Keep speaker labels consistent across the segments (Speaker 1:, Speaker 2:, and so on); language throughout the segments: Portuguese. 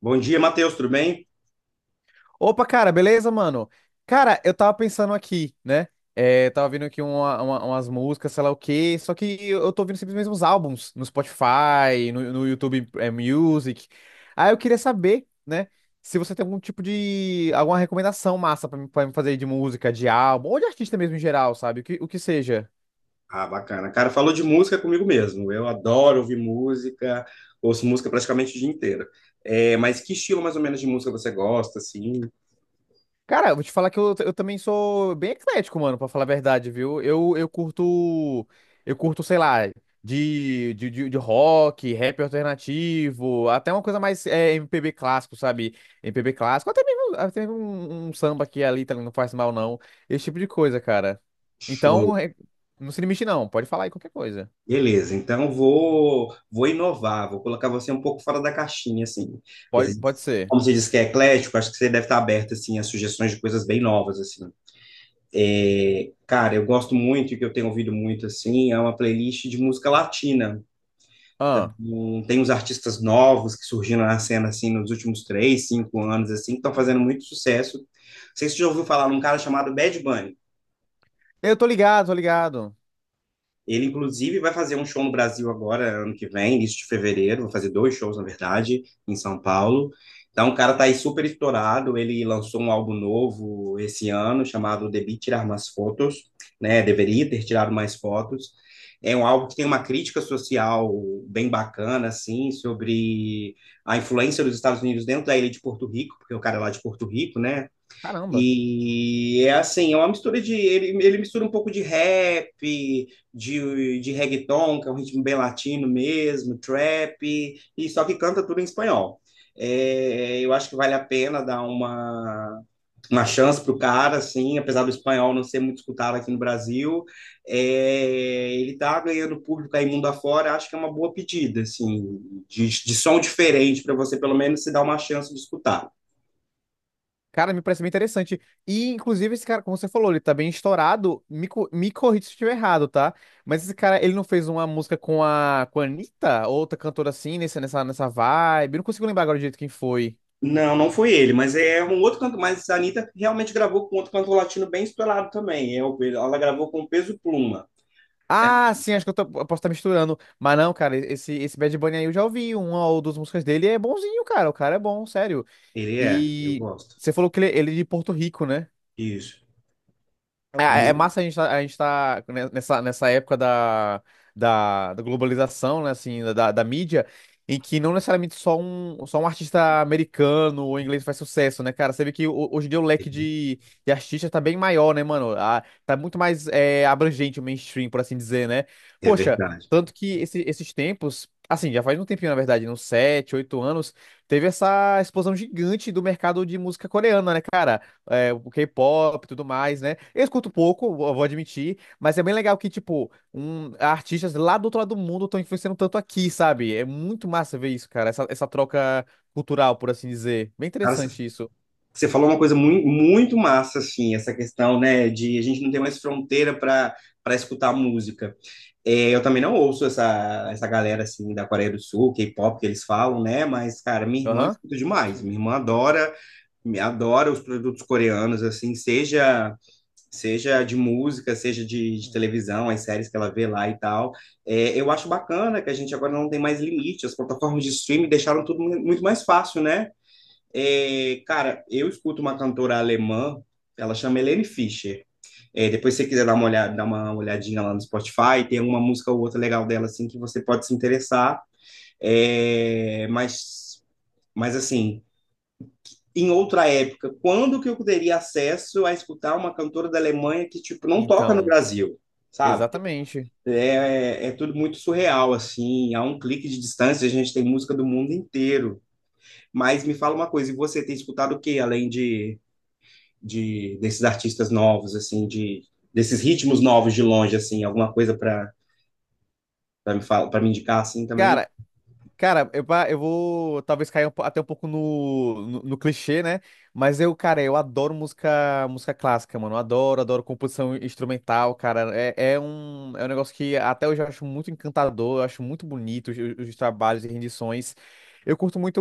Speaker 1: Bom dia, Matheus, tudo bem?
Speaker 2: Opa, cara, beleza, mano? Cara, eu tava pensando aqui, né? É, tava vendo aqui umas músicas, sei lá o quê, só que eu tô ouvindo sempre os mesmos álbuns no Spotify, no YouTube Music. Aí eu queria saber, né, se você tem algum tipo de, alguma recomendação massa pra me fazer, de música, de álbum, ou de artista mesmo em geral, sabe? O que seja.
Speaker 1: Ah, bacana. Cara, falou de música comigo mesmo. Eu adoro ouvir música, ouço música praticamente o dia inteiro. É, mas que estilo mais ou menos de música você gosta, assim?
Speaker 2: Cara, eu vou te falar que eu também sou bem eclético, mano, pra falar a verdade, viu? Eu curto, sei lá, de rock, rap alternativo, até uma coisa mais MPB clássico, sabe? MPB clássico, até mesmo, até mesmo um samba que ali também não faz mal, não. Esse tipo de coisa, cara.
Speaker 1: Show.
Speaker 2: Então, não se limite, não. Pode falar aí qualquer coisa.
Speaker 1: Beleza, então vou inovar, vou colocar você um pouco fora da caixinha, assim. Porque
Speaker 2: Pode,
Speaker 1: você-
Speaker 2: pode ser.
Speaker 1: Como você disse que é eclético, acho que você deve estar aberto, assim, a sugestões de coisas bem novas, assim. É, cara, eu gosto muito, e que eu tenho ouvido muito, assim, é uma playlist de música latina.
Speaker 2: Ah,
Speaker 1: Então, tem uns artistas novos que surgiram na cena assim nos últimos três, cinco anos assim, que estão fazendo muito sucesso. Não sei se você já ouviu falar num cara chamado Bad Bunny.
Speaker 2: eu tô ligado, tô ligado.
Speaker 1: Ele, inclusive, vai fazer um show no Brasil agora, ano que vem, início de fevereiro. Vai fazer dois shows, na verdade, em São Paulo. Então, o cara tá aí super estourado. Ele lançou um álbum novo esse ano, chamado Devi Tirar Mais Fotos, né? Deveria ter tirado mais fotos. É um álbum que tem uma crítica social bem bacana, assim, sobre a influência dos Estados Unidos dentro da ilha de Porto Rico, porque o cara é lá de Porto Rico, né?
Speaker 2: Caramba.
Speaker 1: E é assim, é uma mistura de. Ele mistura um pouco de rap, de reggaeton, que é um ritmo bem latino mesmo, trap, e só que canta tudo em espanhol. É, eu acho que vale a pena dar uma chance pro cara, assim, apesar do espanhol não ser muito escutado aqui no Brasil. É, ele tá ganhando público aí mundo afora, acho que é uma boa pedida, assim, de som diferente para você pelo menos se dar uma chance de escutar.
Speaker 2: Cara, me parece bem interessante. E, inclusive, esse cara, como você falou, ele tá bem estourado. Me corrija se eu estiver errado, tá? Mas esse cara, ele não fez uma música com a Anitta? Outra cantora assim, nessa vibe? Eu não consigo lembrar agora direito quem foi.
Speaker 1: Não, não foi ele, mas é um outro canto, mas a Anitta realmente gravou com outro cantor latino bem estourado também. É, ela gravou com o Peso Pluma. É,
Speaker 2: Ah, sim, acho que eu posso estar misturando. Mas não, cara, esse Bad Bunny aí eu já ouvi uma ou duas músicas dele. É bonzinho, cara. O cara é bom, sério.
Speaker 1: ele é, eu
Speaker 2: E
Speaker 1: gosto.
Speaker 2: você falou que ele é de Porto Rico, né?
Speaker 1: Isso.
Speaker 2: É
Speaker 1: Mas-
Speaker 2: massa, a gente tá ne- nessa, nessa época da, da globalização, né, assim, da mídia, em que não necessariamente só um artista americano ou inglês faz sucesso, né, cara? Você vê que hoje em dia o
Speaker 1: É
Speaker 2: leque de artistas tá bem maior, né, mano? Tá muito mais abrangente o mainstream, por assim dizer, né?
Speaker 1: é
Speaker 2: Poxa,
Speaker 1: verdade.
Speaker 2: tanto que esses tempos, assim, já faz um tempinho, na verdade, né, uns 7, 8 anos, teve essa explosão gigante do mercado de música coreana, né, cara? O K-pop e tudo mais, né? Eu escuto pouco, eu vou admitir, mas é bem legal que, tipo, artistas lá do outro lado do mundo estão influenciando tanto aqui, sabe? É muito massa ver isso, cara, essa troca cultural, por assim dizer. Bem
Speaker 1: Cara, você
Speaker 2: interessante isso.
Speaker 1: você falou uma coisa muito, muito massa, assim, essa questão, né, de a gente não ter mais fronteira para para escutar música. É, eu também não ouço essa, essa galera, assim, da Coreia do Sul, K-pop que eles falam, né, mas, cara, minha irmã
Speaker 2: Aham.
Speaker 1: escuta demais.
Speaker 2: Hum,
Speaker 1: Minha irmã adora, me adora os produtos coreanos, assim, seja seja de música, seja de
Speaker 2: hum.
Speaker 1: televisão, as séries que ela vê lá e tal. É, eu acho bacana que a gente agora não tem mais limite, as plataformas de streaming deixaram tudo muito mais fácil, né? É, cara, eu escuto uma cantora alemã, ela chama Helene Fischer. É, depois, se você quiser dar uma olhada, dar uma olhadinha lá no Spotify, tem uma música ou outra legal dela, assim, que você pode se interessar. É, mas assim, em outra época, quando que eu teria acesso a escutar uma cantora da Alemanha que, tipo, não toca no
Speaker 2: Então,
Speaker 1: Brasil, sabe?
Speaker 2: exatamente.
Speaker 1: É, é tudo muito surreal, assim, a um clique de distância a gente tem música do mundo inteiro. Mas me fala uma coisa, e você tem escutado o quê além de desses artistas novos, assim, de desses ritmos novos de longe, assim, alguma coisa para para me falar, para me indicar, assim, também?
Speaker 2: Cara. Cara, eu vou talvez cair até um pouco no clichê, né? Mas eu, cara, eu adoro música, música clássica, mano. Eu adoro composição instrumental, cara. É um negócio que até hoje eu acho muito encantador, eu acho muito bonito os trabalhos e rendições. Eu curto muito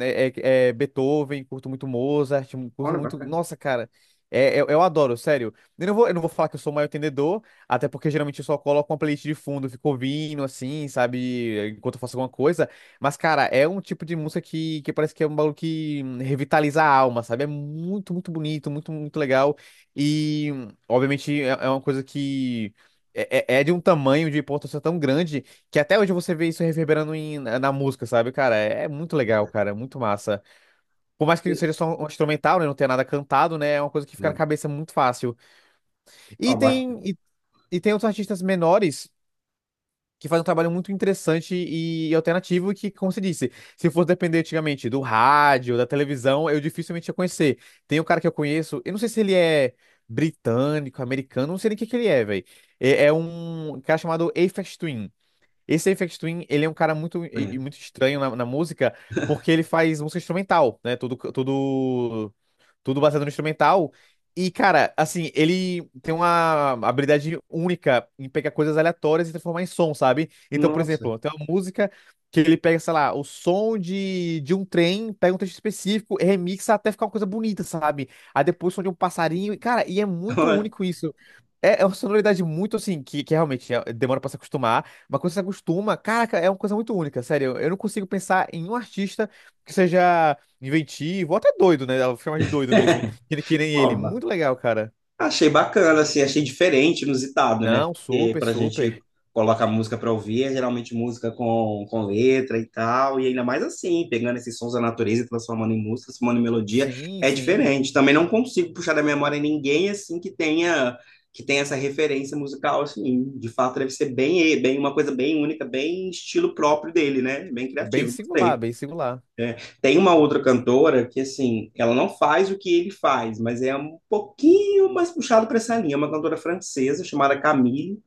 Speaker 2: Beethoven, curto muito Mozart, curto
Speaker 1: Olha,
Speaker 2: muito.
Speaker 1: bacana.
Speaker 2: Nossa, cara, eu adoro, sério. Eu não vou falar que eu sou o maior entendedor. Até porque geralmente eu só coloco uma playlist de fundo, fico ouvindo assim, sabe? Enquanto eu faço alguma coisa. Mas, cara, é um tipo de música que parece que é um bagulho que revitaliza a alma, sabe? É muito, muito bonito, muito, muito legal. E, obviamente, é uma coisa que é de um tamanho, de importância tão grande, que até hoje você vê isso reverberando na música, sabe? Cara, é muito legal, cara, é muito massa. Por mais que seja só um instrumental, né? Não tenha nada cantado, né? É uma coisa que fica na
Speaker 1: Hum.
Speaker 2: cabeça muito fácil. E
Speaker 1: Ó,
Speaker 2: tem. e e tem outros artistas menores que faz um trabalho muito interessante e alternativo que, como você disse, se fosse depender antigamente do rádio, da televisão, eu dificilmente ia conhecer. Tem um cara que eu conheço, eu não sei se ele é britânico, americano, não sei nem o que que ele é, velho. É um cara chamado Aphex Twin. Esse Aphex Twin, ele é um cara muito, e
Speaker 1: bacana.
Speaker 2: muito estranho na música, porque ele faz música instrumental, né? Tudo baseado no instrumental. E, cara, assim, ele tem uma habilidade única em pegar coisas aleatórias e transformar em som, sabe? Então, por
Speaker 1: Nossa.
Speaker 2: exemplo, tem uma música que ele pega, sei lá, o som de um trem, pega um trecho específico, remixa até ficar uma coisa bonita, sabe? Aí depois o som de um passarinho, e, cara, e é muito único isso. É uma sonoridade muito assim, que realmente demora pra se acostumar, mas quando você se acostuma, caraca, é uma coisa muito única, sério. Eu não consigo pensar em um artista que seja inventivo, até doido, né? Dá pra chamar de doido mesmo. Que nem ele.
Speaker 1: Ó,
Speaker 2: Muito legal, cara.
Speaker 1: achei bacana, assim, achei diferente, inusitado, né?
Speaker 2: Não,
Speaker 1: Porque
Speaker 2: super,
Speaker 1: quando a gente
Speaker 2: super.
Speaker 1: coloca música para ouvir, é geralmente música com letra e tal, e ainda mais assim, pegando esses sons da natureza e transformando em música, transformando em melodia,
Speaker 2: Sim,
Speaker 1: é
Speaker 2: sim.
Speaker 1: diferente. Também não consigo puxar da memória ninguém, assim, que tenha essa referência musical, assim. De fato, deve ser bem, bem uma coisa bem única, bem estilo próprio dele, né? Bem
Speaker 2: Bem
Speaker 1: criativo,
Speaker 2: singular,
Speaker 1: gostei.
Speaker 2: bem singular.
Speaker 1: Tem uma outra cantora que, assim, ela não faz o que ele faz, mas é um pouquinho mais puxado para essa linha. É uma cantora francesa chamada Camille.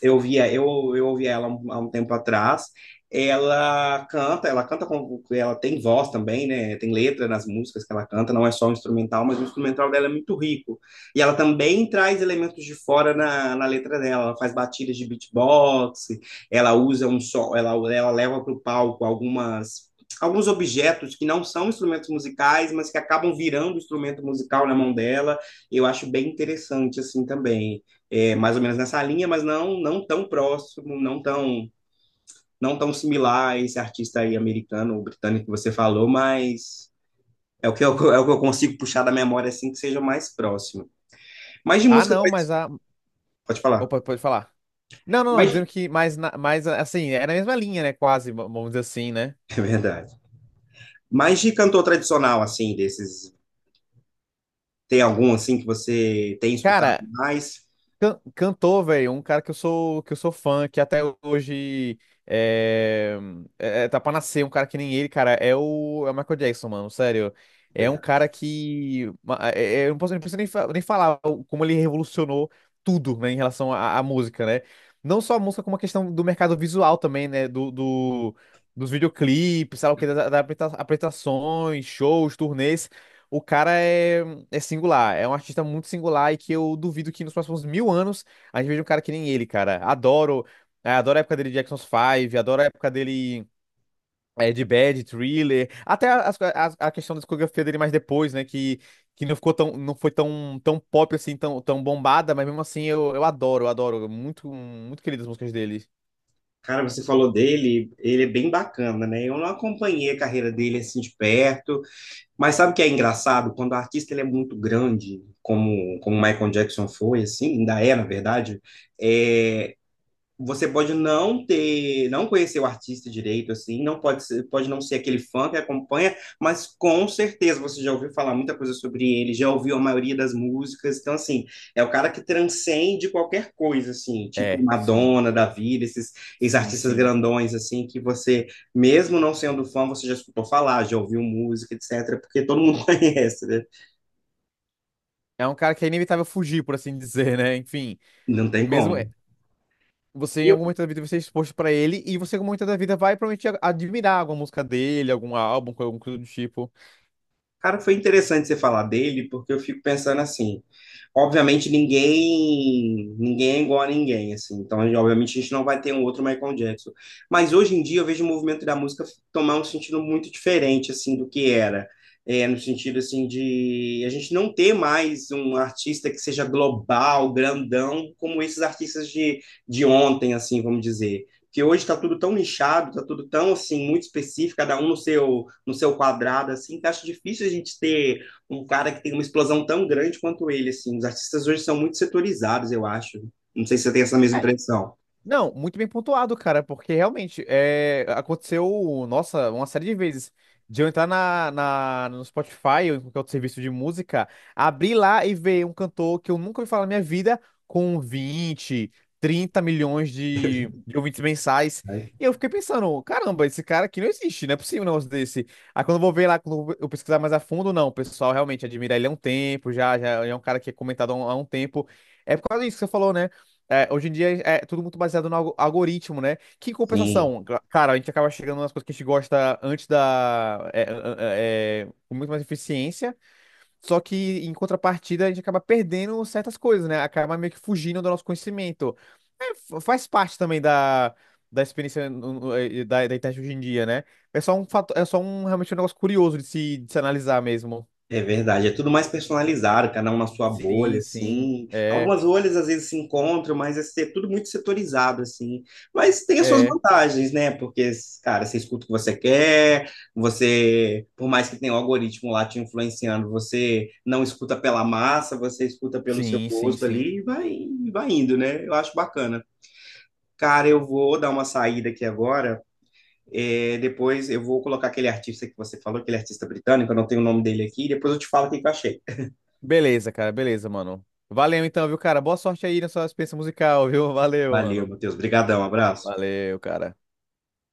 Speaker 1: Eu via, eu ouvia ela há um tempo atrás. Ela canta com, ela tem voz também, né? Tem letra nas músicas que ela canta, não é só um instrumental, mas o instrumental dela é muito rico. E ela também traz elementos de fora na, na letra dela. Ela faz batidas de beatbox, ela usa um som, ela leva para o palco algumas alguns objetos que não são instrumentos musicais, mas que acabam virando instrumento musical na mão dela. Eu acho bem interessante assim também é, mais ou menos nessa linha, mas não não tão próximo, não tão não tão similar a esse artista aí americano ou britânico que você falou, mas é o que eu, é o que eu consigo puxar da memória assim que seja mais próximo. Mas de
Speaker 2: Ah,
Speaker 1: música
Speaker 2: não, mas
Speaker 1: tradicional,
Speaker 2: a.
Speaker 1: pode falar.
Speaker 2: Opa, pode falar. Não, não, não,
Speaker 1: Mas
Speaker 2: dizendo que mais, mais assim, é na mesma linha, né? Quase, vamos dizer assim, né?
Speaker 1: é verdade. Mas de cantor tradicional assim desses, tem algum assim que você tem escutado
Speaker 2: Cara,
Speaker 1: mais?
Speaker 2: Cantor, velho, um cara que eu sou fã, que até hoje eh, tá pra nascer, um cara que nem ele, cara, é o Michael Jackson, mano, sério. É um
Speaker 1: Verdade.
Speaker 2: cara que. Eu não posso, não preciso nem, nem falar como ele revolucionou tudo, né, em relação à música, né? Não só a música, como a questão do mercado visual também, né? Dos videoclipes, sabe o que, das apresentações, shows, turnês. O cara é singular, é um artista muito singular e que eu duvido que nos próximos mil anos a gente veja um cara que nem ele, cara. Adoro a época dele de Jackson 5, adoro a época dele de Bad, Thriller, até a questão da discografia dele mais depois, né, que não ficou tão, não foi tão, tão pop assim, tão, tão bombada, mas mesmo assim eu adoro, muito, muito querido as músicas dele.
Speaker 1: Cara, você falou dele, ele é bem bacana, né? Eu não acompanhei a carreira dele assim de perto. Mas sabe o que é engraçado? Quando o artista ele é muito grande, como como Michael Jackson foi, assim, ainda é, na verdade, é, você pode não ter, não conhecer o artista direito, assim, não pode ser, pode não ser aquele fã que acompanha, mas com certeza você já ouviu falar muita coisa sobre ele, já ouviu a maioria das músicas, então, assim, é o cara que transcende qualquer coisa, assim, tipo
Speaker 2: É, sim,
Speaker 1: Madonna, da vida, esses, esses
Speaker 2: sim,
Speaker 1: artistas
Speaker 2: sim.
Speaker 1: grandões, assim, que você, mesmo não sendo fã, você já escutou falar, já ouviu música, etc., porque todo mundo conhece, né?
Speaker 2: É um cara que é inevitável fugir, por assim dizer, né? Enfim,
Speaker 1: Não tem
Speaker 2: mesmo.
Speaker 1: como.
Speaker 2: Você, em
Speaker 1: E
Speaker 2: algum momento da vida, vai ser exposto pra ele e você, em algum momento da vida, vai provavelmente admirar alguma música dele, algum álbum, alguma coisa do tipo.
Speaker 1: cara, foi interessante você falar dele, porque eu fico pensando assim, obviamente ninguém, ninguém é igual a ninguém, assim, então obviamente a gente não vai ter um outro Michael Jackson, mas hoje em dia eu vejo o movimento da música tomar um sentido muito diferente, assim, do que era, é, no sentido, assim, de a gente não ter mais um artista que seja global, grandão, como esses artistas de ontem, assim, vamos dizer, que hoje está tudo tão nichado, está tudo tão assim muito específico, cada um no seu no seu quadrado, assim, que acho difícil a gente ter um cara que tem uma explosão tão grande quanto ele, assim. Os artistas hoje são muito setorizados, eu acho. Não sei se você tem essa mesma impressão.
Speaker 2: Não, muito bem pontuado, cara, porque realmente aconteceu, nossa, uma série de vezes de eu entrar no Spotify ou em qualquer outro serviço de música, abrir lá e ver um cantor que eu nunca ouvi falar na minha vida com 20, 30 milhões de ouvintes mensais. E eu fiquei pensando, caramba, esse cara aqui não existe, não é possível um negócio desse. Aí quando eu vou ver lá, quando eu pesquisar mais a fundo, não, o pessoal realmente admira ele há um tempo, já, já é um cara que é comentado há um tempo. É por causa disso que você falou, né? É, hoje em dia é tudo muito baseado no algoritmo, né? Que em
Speaker 1: Sim.
Speaker 2: compensação, cara, a gente acaba chegando nas coisas que a gente gosta antes da. É, é, é, com muito mais eficiência, só que em contrapartida a gente acaba perdendo certas coisas, né? Acaba meio que fugindo do nosso conhecimento. É, faz parte também da, da, experiência da internet hoje em dia, né? É só um realmente um negócio curioso de se analisar mesmo.
Speaker 1: É verdade, é tudo mais personalizado, cada um na sua bolha,
Speaker 2: Sim, sim.
Speaker 1: assim.
Speaker 2: É,
Speaker 1: Algumas bolhas às vezes se encontram, mas é tudo muito setorizado, assim. Mas tem as suas
Speaker 2: é.
Speaker 1: vantagens, né? Porque, cara, você escuta o que você quer, você, por mais que tenha um algoritmo lá te influenciando, você não escuta pela massa, você escuta pelo seu
Speaker 2: Sim, sim,
Speaker 1: gosto
Speaker 2: sim.
Speaker 1: ali e vai indo, né? Eu acho bacana. Cara, eu vou dar uma saída aqui agora. É, depois eu vou colocar aquele artista que você falou, aquele artista britânico, eu não tenho o nome dele aqui, depois eu te falo o que eu achei.
Speaker 2: Beleza, cara, beleza, mano. Valeu então, viu, cara? Boa sorte aí na sua experiência musical, viu? Valeu,
Speaker 1: Valeu,
Speaker 2: mano.
Speaker 1: Matheus. Obrigadão, abraço.
Speaker 2: Valeu, cara.